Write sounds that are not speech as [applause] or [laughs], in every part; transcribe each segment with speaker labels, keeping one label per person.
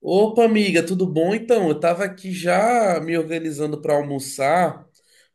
Speaker 1: Opa, amiga, tudo bom? Então, eu tava aqui já me organizando pra almoçar,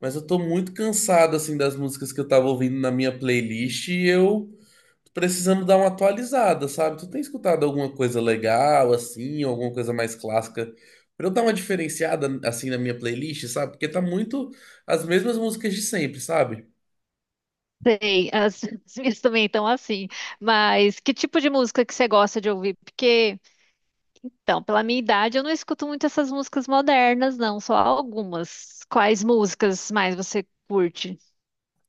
Speaker 1: mas eu tô muito cansado assim das músicas que eu tava ouvindo na minha playlist e eu tô precisando dar uma atualizada, sabe? Tu tem escutado alguma coisa legal assim, ou alguma coisa mais clássica pra eu dar uma diferenciada assim na minha playlist, sabe? Porque tá muito as mesmas músicas de sempre, sabe?
Speaker 2: Sei, [laughs] as minhas também estão assim. Mas que tipo de música que você gosta de ouvir? Porque, então, pela minha idade, eu não escuto muito essas músicas modernas, não, só algumas. Quais músicas mais você curte?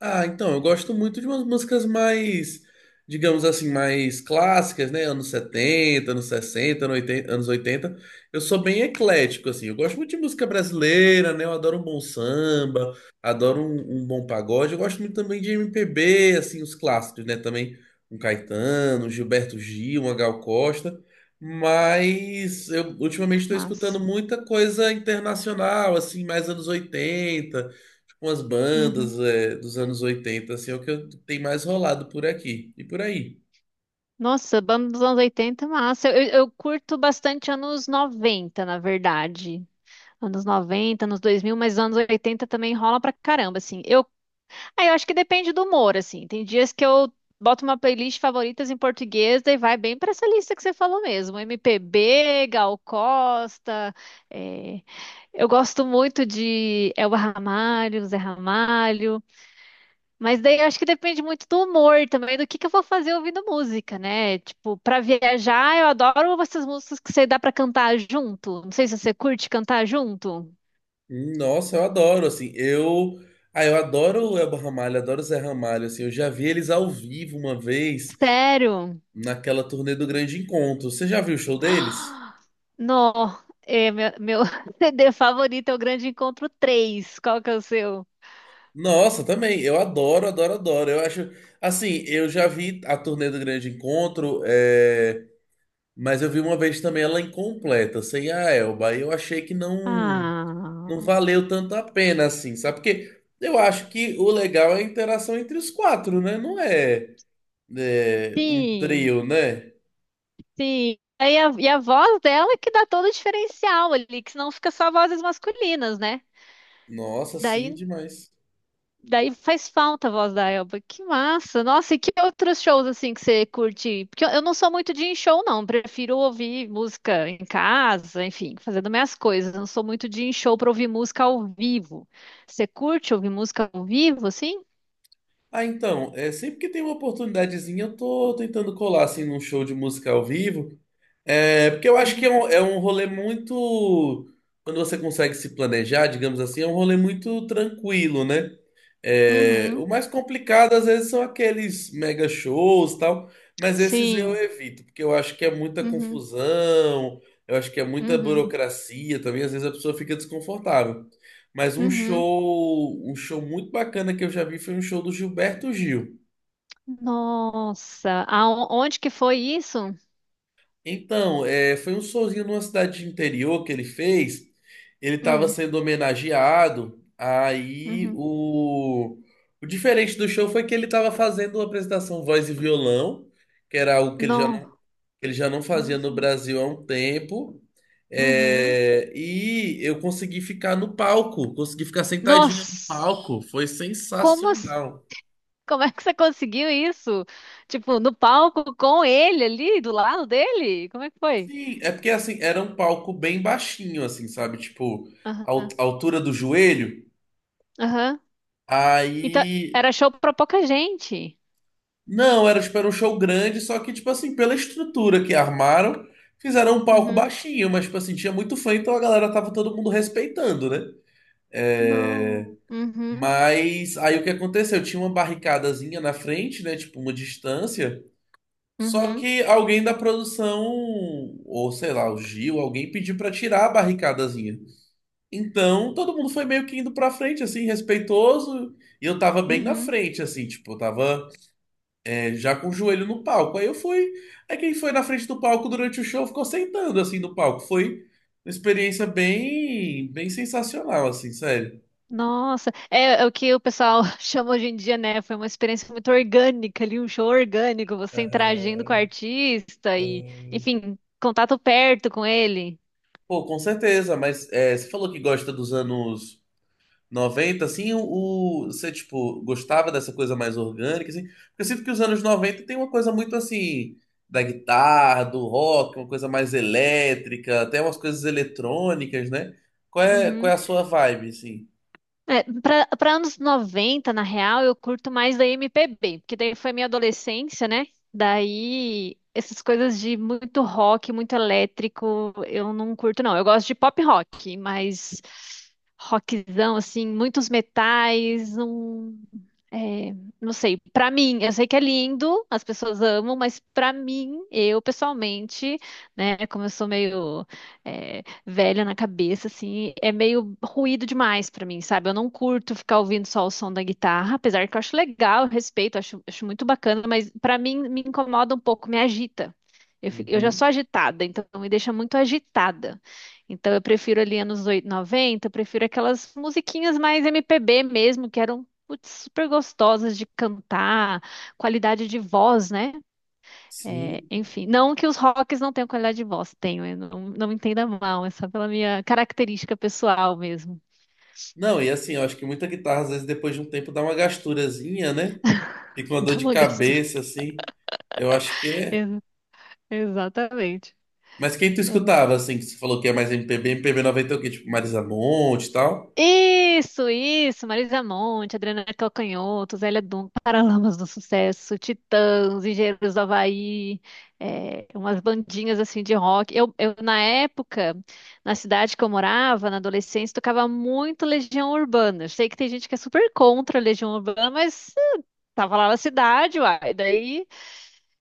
Speaker 1: Ah, então, eu gosto muito de umas músicas mais, digamos assim, mais clássicas, né? anos 70, anos 60, anos 80. Anos 80. Eu sou bem eclético, assim. Eu gosto muito de música brasileira, né? Eu adoro um bom samba, adoro um bom pagode. Eu gosto muito também de MPB, assim, os clássicos, né? Também um Caetano, um Gilberto Gil, uma Gal Costa. Mas eu ultimamente estou escutando
Speaker 2: Mas,
Speaker 1: muita coisa internacional, assim, mais anos 80, umas
Speaker 2: uhum.
Speaker 1: bandas dos anos 80 assim, é o que tem mais rolado por aqui e por aí.
Speaker 2: Nossa, banda dos anos 80, massa. Eu curto bastante anos 90, na verdade. Anos 90, anos 2000, mas anos 80 também rola pra caramba, assim. Eu Aí eu acho que depende do humor, assim. Tem dias que eu boto uma playlist favoritas em português, daí vai bem pra essa lista que você falou mesmo. MPB, Gal Costa. é, Eu gosto muito de Elba Ramalho, Zé Ramalho. Mas daí eu acho que depende muito do humor também, do que eu vou fazer ouvindo música, né? Tipo, pra viajar, eu adoro essas músicas que você dá pra cantar junto. Não sei se você curte cantar junto.
Speaker 1: Nossa, eu adoro, assim, eu... Ah, eu adoro o Elba Ramalho, adoro o Zé Ramalho, assim, eu já vi eles ao vivo uma vez
Speaker 2: Sério?
Speaker 1: naquela turnê do Grande Encontro. Você já viu o show deles?
Speaker 2: Nó, meu [laughs] CD favorito é o Grande Encontro três. Qual que é o seu?
Speaker 1: Nossa, também, eu adoro, adoro, adoro. Eu acho, assim, eu já vi a turnê do Grande Encontro, mas eu vi uma vez também ela incompleta, sem a Elba, e eu achei que não... não
Speaker 2: Ah,
Speaker 1: valeu tanto a pena assim, sabe? Porque eu acho que o legal é a interação entre os 4, né? Não é, é, um
Speaker 2: sim,
Speaker 1: trio, né?
Speaker 2: sim. E a voz dela é que dá todo o diferencial ali, que senão fica só vozes masculinas, né?
Speaker 1: Nossa, sim,
Speaker 2: Daí
Speaker 1: demais.
Speaker 2: Daí faz falta a voz da Elba. Que massa! Nossa, e que outros shows assim que você curte? Porque eu não sou muito de ir em show, não. Prefiro ouvir música em casa, enfim, fazendo minhas coisas. Eu Não sou muito de ir em show para ouvir música ao vivo. Você curte ouvir música ao vivo, assim?
Speaker 1: Ah, então, é, sempre que tem uma oportunidadezinha, eu tô tentando colar assim num show de música ao vivo. É, porque eu acho que
Speaker 2: Uhum.
Speaker 1: é um rolê muito. Quando você consegue se planejar, digamos assim, é um rolê muito tranquilo, né? É,
Speaker 2: Uhum,
Speaker 1: o mais complicado, às vezes, são aqueles mega shows e tal, mas esses eu
Speaker 2: sim.
Speaker 1: evito, porque eu acho que é muita
Speaker 2: Uhum,
Speaker 1: confusão, eu acho que é muita
Speaker 2: uhum,
Speaker 1: burocracia também, às vezes a pessoa fica desconfortável. Mas
Speaker 2: uhum.
Speaker 1: um show muito bacana que eu já vi foi um show do Gilberto Gil.
Speaker 2: Nossa, aonde que foi isso?
Speaker 1: Então, é, foi um showzinho numa cidade de interior que ele fez. Ele estava
Speaker 2: Hum,
Speaker 1: sendo homenageado. Aí
Speaker 2: uhum.
Speaker 1: o diferente do show foi que ele estava fazendo uma apresentação voz e violão, que era algo que
Speaker 2: No.
Speaker 1: ele já não fazia no
Speaker 2: Uhum.
Speaker 1: Brasil há um tempo.
Speaker 2: Uhum.
Speaker 1: É, e eu consegui ficar no palco, consegui ficar sentadinho no
Speaker 2: Nossa,
Speaker 1: palco. Foi
Speaker 2: como
Speaker 1: sensacional.
Speaker 2: Como é que você conseguiu isso? Tipo, no palco com ele ali, do lado dele? Como é que foi?
Speaker 1: Sim, é porque assim, era um palco bem baixinho, assim, sabe? Tipo,
Speaker 2: Aham,
Speaker 1: a altura do joelho.
Speaker 2: aham. Então,
Speaker 1: Aí.
Speaker 2: era show pra pouca gente.
Speaker 1: Não, era tipo, era um show grande, só que, tipo assim, pela estrutura que armaram, fizeram um palco
Speaker 2: Uhum.
Speaker 1: baixinho, mas, tipo assim, tinha muito fã, então a galera tava todo mundo respeitando, né? É,
Speaker 2: Não. Uhum,
Speaker 1: mas aí o que aconteceu? Tinha uma barricadazinha na frente, né? Tipo, uma distância. Só
Speaker 2: uhum,
Speaker 1: que alguém da produção, ou sei lá, o Gil, alguém pediu pra tirar a barricadazinha. Então, todo mundo foi meio que indo pra frente, assim, respeitoso. E eu tava bem na
Speaker 2: uhum.
Speaker 1: frente, assim, tipo, eu tava já com o joelho no palco. Aí eu fui. Aí quem foi na frente do palco durante o show ficou sentando, assim, no palco. Foi uma experiência bem, bem sensacional, assim, sério.
Speaker 2: Nossa, é o que o pessoal [laughs] chama hoje em dia, né? Foi uma experiência muito orgânica ali, um show orgânico, você interagindo
Speaker 1: Aham.
Speaker 2: com o artista e, enfim, contato perto com ele.
Speaker 1: Pô, com certeza, mas é, você falou que gosta dos anos. Noventa assim, você, tipo, gostava dessa coisa mais orgânica, assim? Porque eu sinto que os anos 90 tem uma coisa muito, assim, da guitarra, do rock, uma coisa mais elétrica, até umas coisas eletrônicas, né? Qual
Speaker 2: Uhum.
Speaker 1: é a sua vibe, assim?
Speaker 2: É, para anos 90 na real, eu curto mais da MPB, porque daí foi minha adolescência, né? Daí essas coisas de muito rock, muito elétrico, eu não curto não. Eu gosto de pop rock, mas rockzão assim, muitos metais, é, não sei, pra mim, eu sei que é lindo, as pessoas amam, mas pra mim, eu pessoalmente, né, como eu sou meio velha na cabeça, assim, é meio ruído demais pra mim, sabe? Eu não curto ficar ouvindo só o som da guitarra, apesar que eu acho legal, eu respeito, acho, acho muito bacana, mas pra mim me incomoda um pouco, me agita. Eu já
Speaker 1: Uhum.
Speaker 2: sou agitada, então me deixa muito agitada. Então eu prefiro ali anos 8, 90, eu prefiro aquelas musiquinhas mais MPB mesmo, que eram putz, super gostosas de cantar, qualidade de voz, né? É,
Speaker 1: Sim.
Speaker 2: enfim, não que os rocks não tenham qualidade de voz, tenho, eu não, não me entenda mal, é só pela minha característica pessoal mesmo,
Speaker 1: Não, e assim, eu acho que muita guitarra, às vezes, depois de um tempo, dá uma gasturazinha, né? Fica uma
Speaker 2: [laughs]
Speaker 1: dor
Speaker 2: da
Speaker 1: de
Speaker 2: mangastura.
Speaker 1: cabeça, assim. Eu acho que é.
Speaker 2: Ex- Exatamente.
Speaker 1: Mas quem tu escutava, assim, que você falou que é mais MPB, MPB 90 é o quê? Tipo, Marisa Monte e tal?
Speaker 2: Isso, Marisa Monte, Adriana Calcanhoto, Zélia Duncan, Paralamas do Sucesso, Titãs, Engenheiros do Havaí, umas bandinhas assim de rock. Na época, na cidade que eu morava, na adolescência, tocava muito Legião Urbana. Eu sei que tem gente que é super contra a Legião Urbana, mas tava lá na cidade, uai. Daí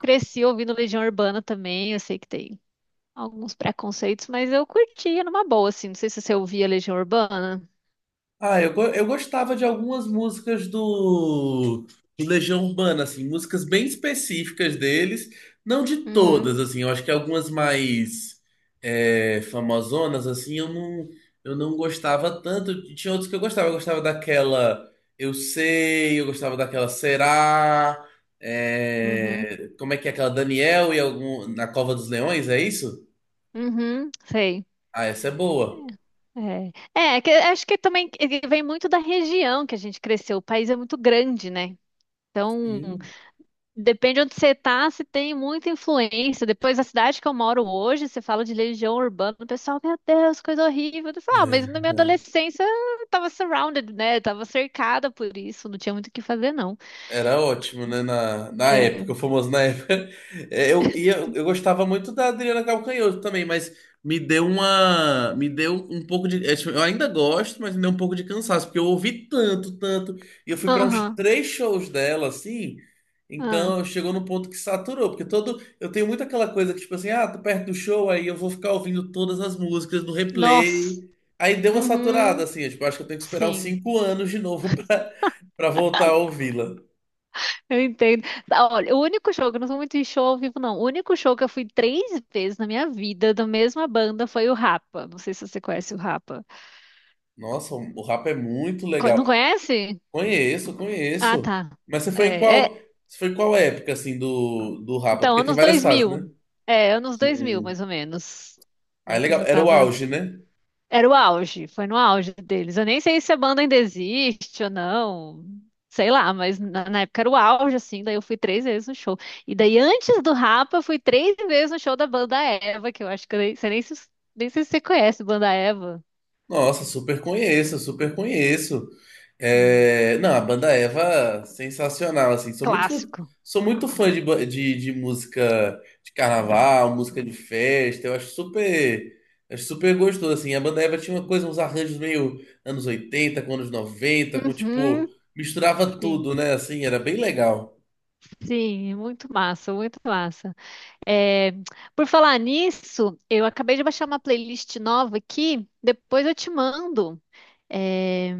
Speaker 2: cresci ouvindo Legião Urbana também, eu sei que tem alguns preconceitos, mas eu curtia numa boa, assim. Não sei se você ouvia Legião Urbana.
Speaker 1: Ah, eu gostava de algumas músicas do Legião Urbana, assim, músicas bem específicas deles, não de
Speaker 2: Uhum.
Speaker 1: todas, assim, eu acho que algumas mais famosonas, assim, eu não gostava tanto, e tinha outros que eu gostava daquela Eu Sei, eu gostava daquela Será,
Speaker 2: Uhum.
Speaker 1: é, como é que é aquela Daniel e algum, Na Cova dos Leões, é isso?
Speaker 2: Uhum, sei.
Speaker 1: Ah, essa é boa.
Speaker 2: É, é que, acho que também ele vem muito da região que a gente cresceu. O país é muito grande, né? Então,
Speaker 1: Sim.
Speaker 2: depende onde você tá, se tem muita influência. Depois, a cidade que eu moro hoje, você fala de legião urbana, o pessoal, meu Deus, coisa horrível. Eu falo, ah, mas na minha adolescência eu tava surrounded, né? Eu tava cercada por isso, não tinha muito o que fazer, não.
Speaker 1: Era ótimo, né? Na época, o
Speaker 2: É.
Speaker 1: famoso na época. [laughs] É, eu gostava muito da Adriana Calcanhoto também, mas me deu uma. Me deu um pouco de. É, tipo, eu ainda gosto, mas me deu um pouco de cansaço, porque eu ouvi tanto, tanto. E eu fui para uns
Speaker 2: Aham.
Speaker 1: 3 shows dela, assim.
Speaker 2: Ah.
Speaker 1: Então chegou no ponto que saturou, porque todo. Eu tenho muito aquela coisa que, tipo assim, ah, tô perto do show, aí eu vou ficar ouvindo todas as músicas no replay.
Speaker 2: Nossa.
Speaker 1: Aí deu uma saturada,
Speaker 2: Uhum.
Speaker 1: assim, eu, tipo, acho que eu tenho que esperar uns
Speaker 2: Sim.
Speaker 1: 5 anos de novo [laughs] pra voltar a ouvi-la.
Speaker 2: Eu entendo. Ah, olha, o único show, que eu não sou muito em show ao vivo, não. O único show que eu fui três vezes na minha vida da mesma banda foi o Rapa. Não sei se você conhece o Rapa.
Speaker 1: Nossa, o rap é muito
Speaker 2: Não
Speaker 1: legal.
Speaker 2: conhece?
Speaker 1: Conheço,
Speaker 2: Ah,
Speaker 1: conheço.
Speaker 2: tá.
Speaker 1: Mas
Speaker 2: É, é,
Speaker 1: você foi em qual época assim do rapa?
Speaker 2: então,
Speaker 1: Porque tem
Speaker 2: anos
Speaker 1: várias
Speaker 2: dois
Speaker 1: fases, né?
Speaker 2: mil. É, anos dois mil
Speaker 1: Hum.
Speaker 2: mais ou menos.
Speaker 1: Ah, é
Speaker 2: Né, que eu
Speaker 1: legal.
Speaker 2: já
Speaker 1: Era o
Speaker 2: tava.
Speaker 1: auge, né?
Speaker 2: Era o auge, foi no auge deles. Eu nem sei se a banda ainda existe ou não, sei lá, mas na época era o auge, assim. Daí eu fui três vezes no show. E daí antes do Rapa, eu fui três vezes no show da banda Eva, que eu acho que eu nem, você nem, nem sei se você conhece banda Eva.
Speaker 1: Nossa, super conheço, super conheço.
Speaker 2: É.
Speaker 1: É, não, a banda Eva, sensacional, assim. Sou muito,
Speaker 2: Clássico.
Speaker 1: sou muito fã de música de carnaval, música de festa. Eu acho super gostoso, assim. A banda Eva tinha uma coisa, uns arranjos meio anos 80 com anos 90, com tipo,
Speaker 2: Uhum,
Speaker 1: misturava
Speaker 2: sim,
Speaker 1: tudo, né? Assim, era bem legal.
Speaker 2: sim, muito massa, muito massa. É, por falar nisso, eu acabei de baixar uma playlist nova aqui, depois eu te mando. É,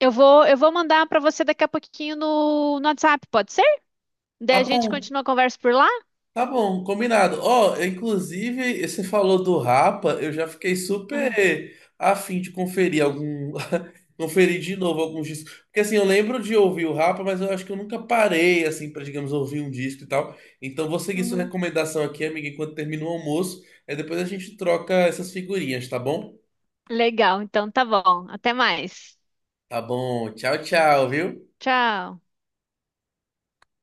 Speaker 2: eu vou mandar para você daqui a pouquinho no WhatsApp, pode ser? Daí
Speaker 1: Tá
Speaker 2: a gente
Speaker 1: bom.
Speaker 2: continua a conversa por lá?
Speaker 1: Tá bom, combinado. Ó, inclusive, você falou do Rapa, eu já fiquei
Speaker 2: Ah,
Speaker 1: super afim de conferir algum. [laughs] Conferir de novo alguns discos. Porque assim, eu lembro de ouvir o Rapa, mas eu acho que eu nunca parei, assim, pra, digamos, ouvir um disco e tal. Então vou seguir sua
Speaker 2: uhum.
Speaker 1: recomendação aqui, amiga, enquanto termina o almoço. Aí depois a gente troca essas figurinhas, tá bom?
Speaker 2: Legal, então tá bom. Até mais.
Speaker 1: Tá bom. Tchau, tchau, viu?
Speaker 2: Tchau.